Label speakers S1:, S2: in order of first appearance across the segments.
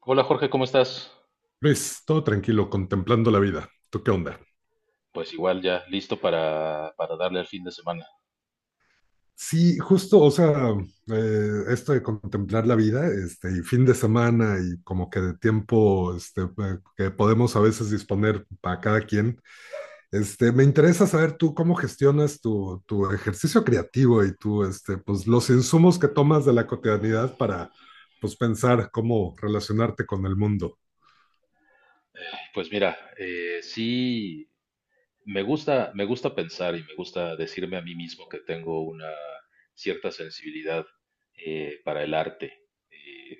S1: Hola Jorge, ¿cómo estás?
S2: Luis, todo tranquilo, contemplando la vida. ¿Tú qué onda?
S1: Pues igual ya listo para darle al fin de semana.
S2: Sí, justo, o sea, esto de contemplar la vida, y fin de semana y como que de tiempo que podemos a veces disponer para cada quien, me interesa saber tú cómo gestionas tu ejercicio creativo y tú, pues, los insumos que tomas de la cotidianidad para, pues, pensar cómo relacionarte con el mundo.
S1: Pues mira, sí, me gusta pensar y me gusta decirme a mí mismo que tengo una cierta sensibilidad para el arte. Eh,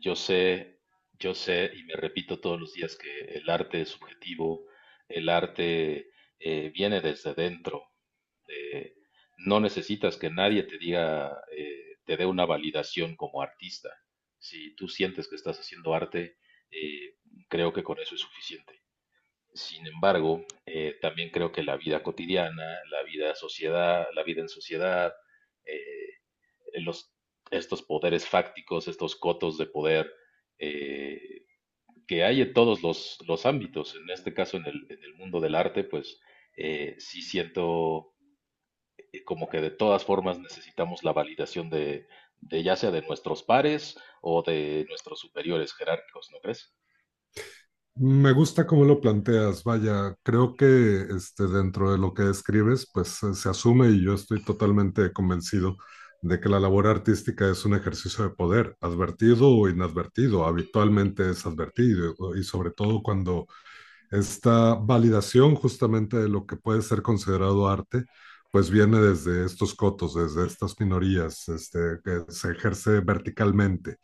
S1: yo sé, yo sé y me repito todos los días que el arte es subjetivo, el arte viene desde dentro. eh, no necesitas que nadie te diga, te dé una validación como artista. Si tú sientes que estás haciendo arte, eh, creo que con eso es suficiente. Sin embargo, también creo que la vida cotidiana, la vida sociedad, la vida en sociedad, eh, los, estos poderes fácticos, estos cotos de poder eh, que hay en todos los ámbitos, en este caso en el mundo del arte, pues sí siento como que de todas formas necesitamos la validación de ya sea de nuestros pares o de nuestros superiores jerárquicos, ¿no crees?
S2: Me gusta cómo lo planteas, vaya, creo que dentro de lo que describes, pues se asume y yo estoy totalmente convencido de que la labor artística es un ejercicio de poder, advertido o inadvertido, habitualmente es advertido y sobre todo cuando esta validación justamente de lo que puede ser considerado arte, pues viene desde estos cotos, desde estas minorías, que se ejerce verticalmente.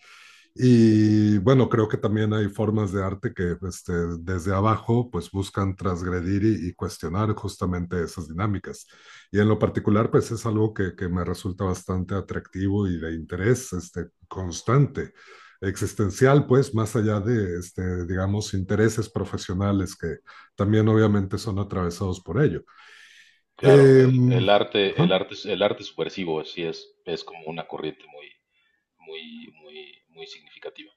S2: Y bueno, creo que también hay formas de arte que desde abajo pues buscan transgredir y cuestionar justamente esas dinámicas. Y en lo particular pues es algo que me resulta bastante atractivo y de interés constante, existencial pues, más allá de, este, digamos, intereses profesionales que también obviamente son atravesados por ello.
S1: Claro,
S2: Em,
S1: el arte,
S2: ajá.
S1: el arte subversivo sí es como una corriente muy significativa.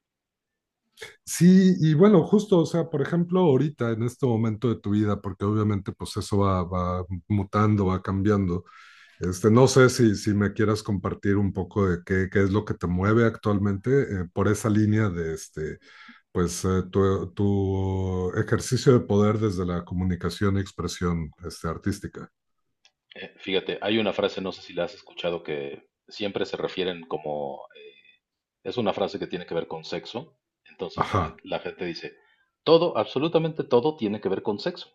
S2: Sí, y bueno, justo, o sea, por ejemplo, ahorita, en este momento de tu vida, porque obviamente pues va mutando, va cambiando, no sé si, si me quieras compartir un poco de qué, qué es lo que te mueve actualmente por esa línea de, pues, tu, tu ejercicio de poder desde la comunicación y expresión, artística.
S1: Fíjate, hay una frase, no sé si la has escuchado, que siempre se refieren como, es una frase que tiene que ver con sexo. Entonces
S2: Ajá,
S1: la gente dice, todo, absolutamente todo tiene que ver con sexo,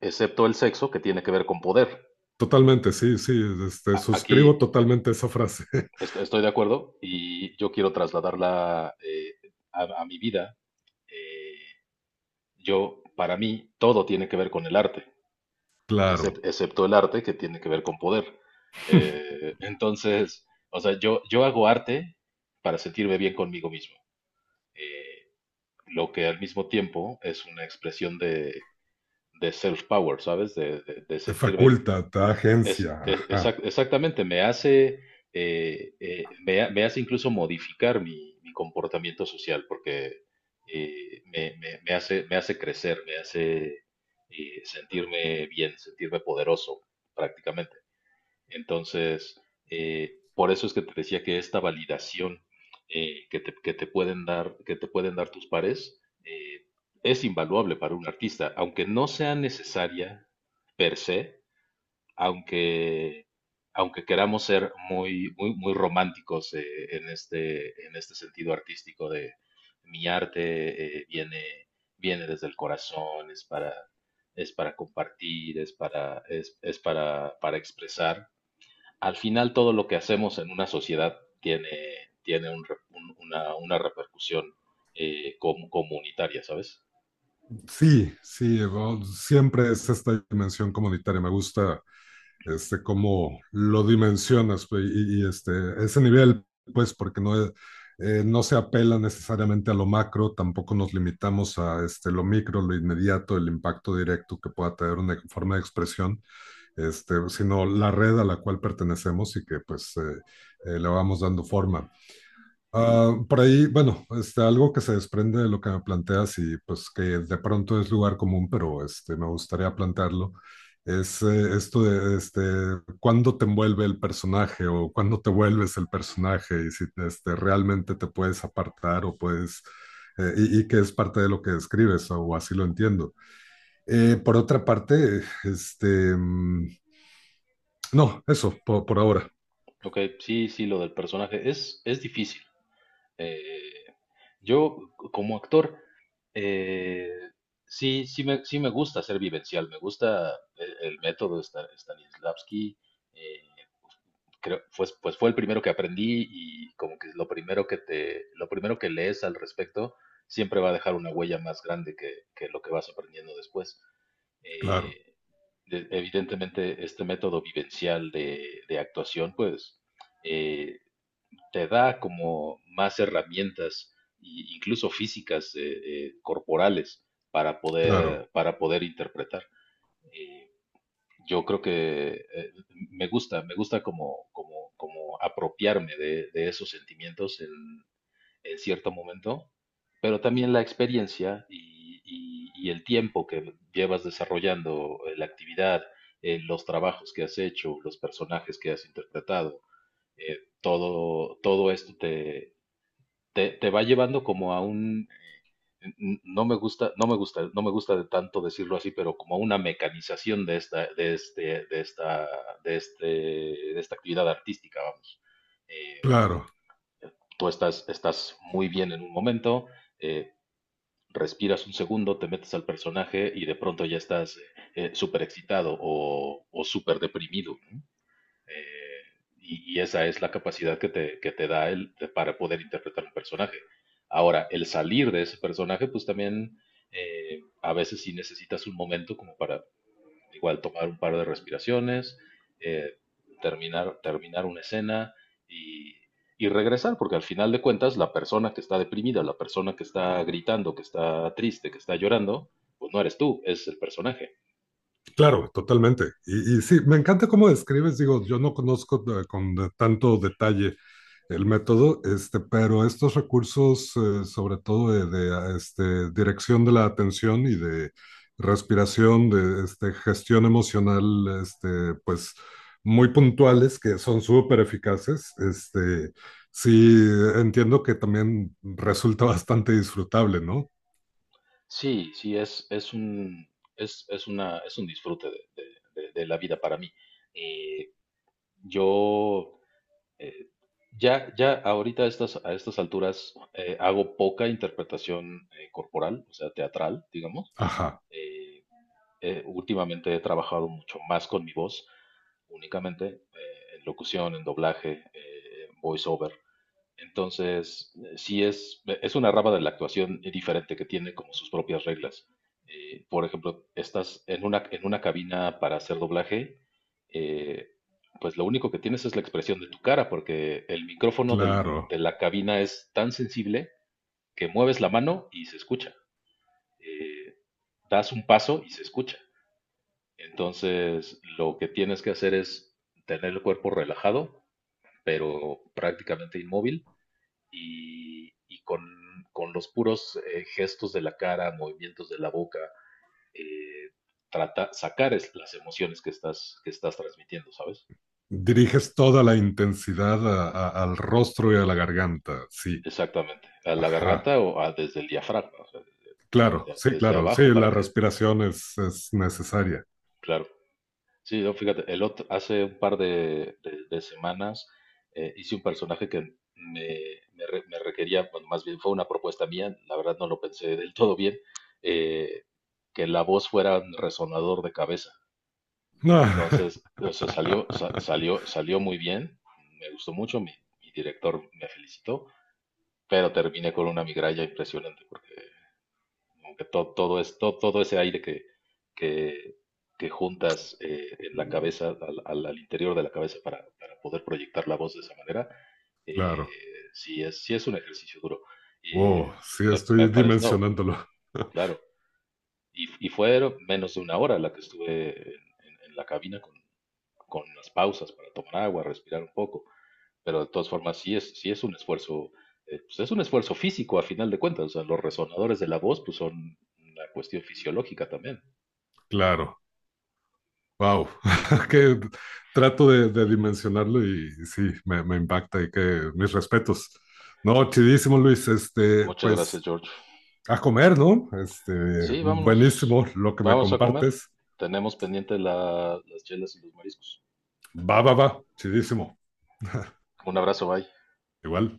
S1: excepto el sexo que tiene que ver con poder.
S2: totalmente, sí, sí,
S1: Aquí
S2: suscribo totalmente esa frase,
S1: Estoy de acuerdo y yo quiero trasladarla a mi vida. Eh, para mí, todo tiene que ver con el arte,
S2: claro,
S1: excepto el arte que tiene que ver con poder. Entonces, o sea, yo hago arte para sentirme bien conmigo mismo, eh, lo que al mismo tiempo es una expresión de self-power, ¿sabes? De
S2: te
S1: sentirme.
S2: faculta, te da agencia, ajá.
S1: Exactamente, me hace, me hace incluso modificar mi comportamiento social porque me hace crecer, me hace sentirme bien, sentirme poderoso prácticamente. Entonces, por eso es que te decía que esta validación que te pueden dar, que te pueden dar tus pares es invaluable para un artista, aunque no sea necesaria per se, aunque, aunque queramos ser muy, muy, muy románticos en este sentido artístico de mi arte. Viene desde el corazón, es para compartir, es para expresar. Al final todo lo que hacemos en una sociedad tiene, tiene un re- un- una repercusión comunitaria, ¿sabes?
S2: Sí, sí, bueno, siempre es esta dimensión comunitaria. Me gusta cómo lo dimensionas pues, y, ese nivel, pues, porque no es- no se apela necesariamente a lo macro, tampoco nos limitamos a lo micro, lo inmediato, el impacto directo que pueda tener una forma de expresión, sino la red a la cual pertenecemos y que pues le vamos dando forma. Ah, por ahí, bueno, algo que se desprende de lo que me planteas y pues que de pronto es lugar común, pero me gustaría plantearlo, es esto de cuándo te envuelve el personaje o cuándo te vuelves el personaje y si realmente te puedes apartar o puedes, y que es parte de lo que describes o así lo entiendo. Por otra parte, mm, no, eso, por ahora,
S1: Ok, sí, sí, lo del personaje es difícil. Eh, Como actor, eh, sí, sí me gusta ser vivencial, me gusta el método de Stanislavski. eh, Creo, pues, pues fue el primero que aprendí, y como que lo primero que te, lo primero que lees al respecto siempre va a dejar una huella más grande que lo que vas aprendiendo después.
S2: claro,
S1: Eh, Evidentemente, este método vivencial de actuación, pues eh, te da como más herramientas, incluso físicas, corporales,
S2: claro,
S1: para poder interpretar. Eh, yo creo que me gusta como, como apropiarme de esos sentimientos en cierto momento, pero también la experiencia y el tiempo que llevas desarrollando la actividad, los trabajos que has hecho, los personajes que has interpretado, todo esto te va llevando como a un, no me gusta, no me gusta de tanto decirlo así, pero como a una mecanización de esta, de esta actividad artística, vamos. Eh,
S2: claro.
S1: Tú estás, estás muy bien en un momento, eh, respiras un segundo, te metes al personaje y de pronto ya estás súper excitado o súper deprimido, ¿no? eh, y esa es la capacidad que te da para poder interpretar un personaje. Ahora, el salir de ese personaje, pues también a veces sí necesitas un momento como para igual tomar un par de respiraciones, eh, terminar una escena y, y regresar, porque al final de cuentas la persona que está deprimida, la persona que está gritando, que está triste, que está llorando, pues no eres tú, es el personaje.
S2: Claro, totalmente. Y sí, me encanta cómo describes, digo, yo no conozco con de- tanto detalle el método, pero estos recursos, sobre todo de, dirección de la atención y de respiración, de gestión emocional, este, pues muy puntuales, que son súper eficaces, sí, entiendo que también resulta bastante disfrutable, ¿no?
S1: Sí, sí, es una, es un disfrute de la vida para mí. Eh, yo eh, ya ahorita a estas alturas hago poca interpretación corporal, o sea, teatral, digamos.
S2: Ajá,
S1: Eh, Últimamente he trabajado mucho más con mi voz, únicamente, en locución, en doblaje, voice over. Entonces, es una rama de la actuación diferente que tiene como sus propias reglas. Por ejemplo, estás en una cabina para hacer doblaje, eh, pues lo único que tienes es la expresión de tu cara, porque el micrófono
S2: claro.
S1: de la cabina es tan sensible que mueves la mano y se escucha. Eh, Das un paso y se escucha. Entonces, lo que tienes que hacer es tener el cuerpo relajado, pero prácticamente inmóvil y, y con, con los puros gestos de la cara, movimientos de la boca, eh, trata, sacar las emociones que estás transmitiendo, ¿sabes?
S2: Diriges toda la intensidad a- al rostro y a la garganta. Sí,
S1: Exactamente. A la
S2: ajá.
S1: garganta desde el diafragma, o sea,
S2: Claro, sí,
S1: desde
S2: claro. Sí,
S1: abajo
S2: la
S1: para que,
S2: respiración es necesaria.
S1: claro. Sí, no, fíjate, el otro, hace un par de semanas hice un personaje que me, me requería, bueno, más bien fue una propuesta mía, la verdad no lo pensé del todo bien, eh, que la voz fuera un resonador de cabeza.
S2: Ah,
S1: Entonces, o sea, salió muy bien, me gustó mucho, mi director me felicitó, pero terminé con una migraña impresionante porque como que todo ese aire que, que juntas en la cabeza, al interior de la cabeza para poder proyectar la voz de esa manera,
S2: claro.
S1: eh, sí es un ejercicio duro. Y
S2: Wow, sí,
S1: me
S2: estoy
S1: parece, no,
S2: dimensionándolo.
S1: claro, y fue menos de una hora la que estuve en, en la cabina con las pausas para tomar agua, respirar un poco. Pero de todas formas, sí es un esfuerzo, pues es un esfuerzo físico a final de cuentas. O sea, los resonadores de la voz pues son una cuestión fisiológica también.
S2: Claro. Wow. Que trato de dimensionarlo y sí, me impacta y que mis respetos. No, chidísimo, Luis.
S1: Muchas gracias,
S2: Pues
S1: George.
S2: a comer, ¿no?
S1: Sí, vámonos.
S2: Buenísimo lo que me
S1: Vamos a comer.
S2: compartes.
S1: Tenemos pendiente las chelas y los mariscos.
S2: Va, va, va. Chidísimo.
S1: Un abrazo, bye.
S2: Igual.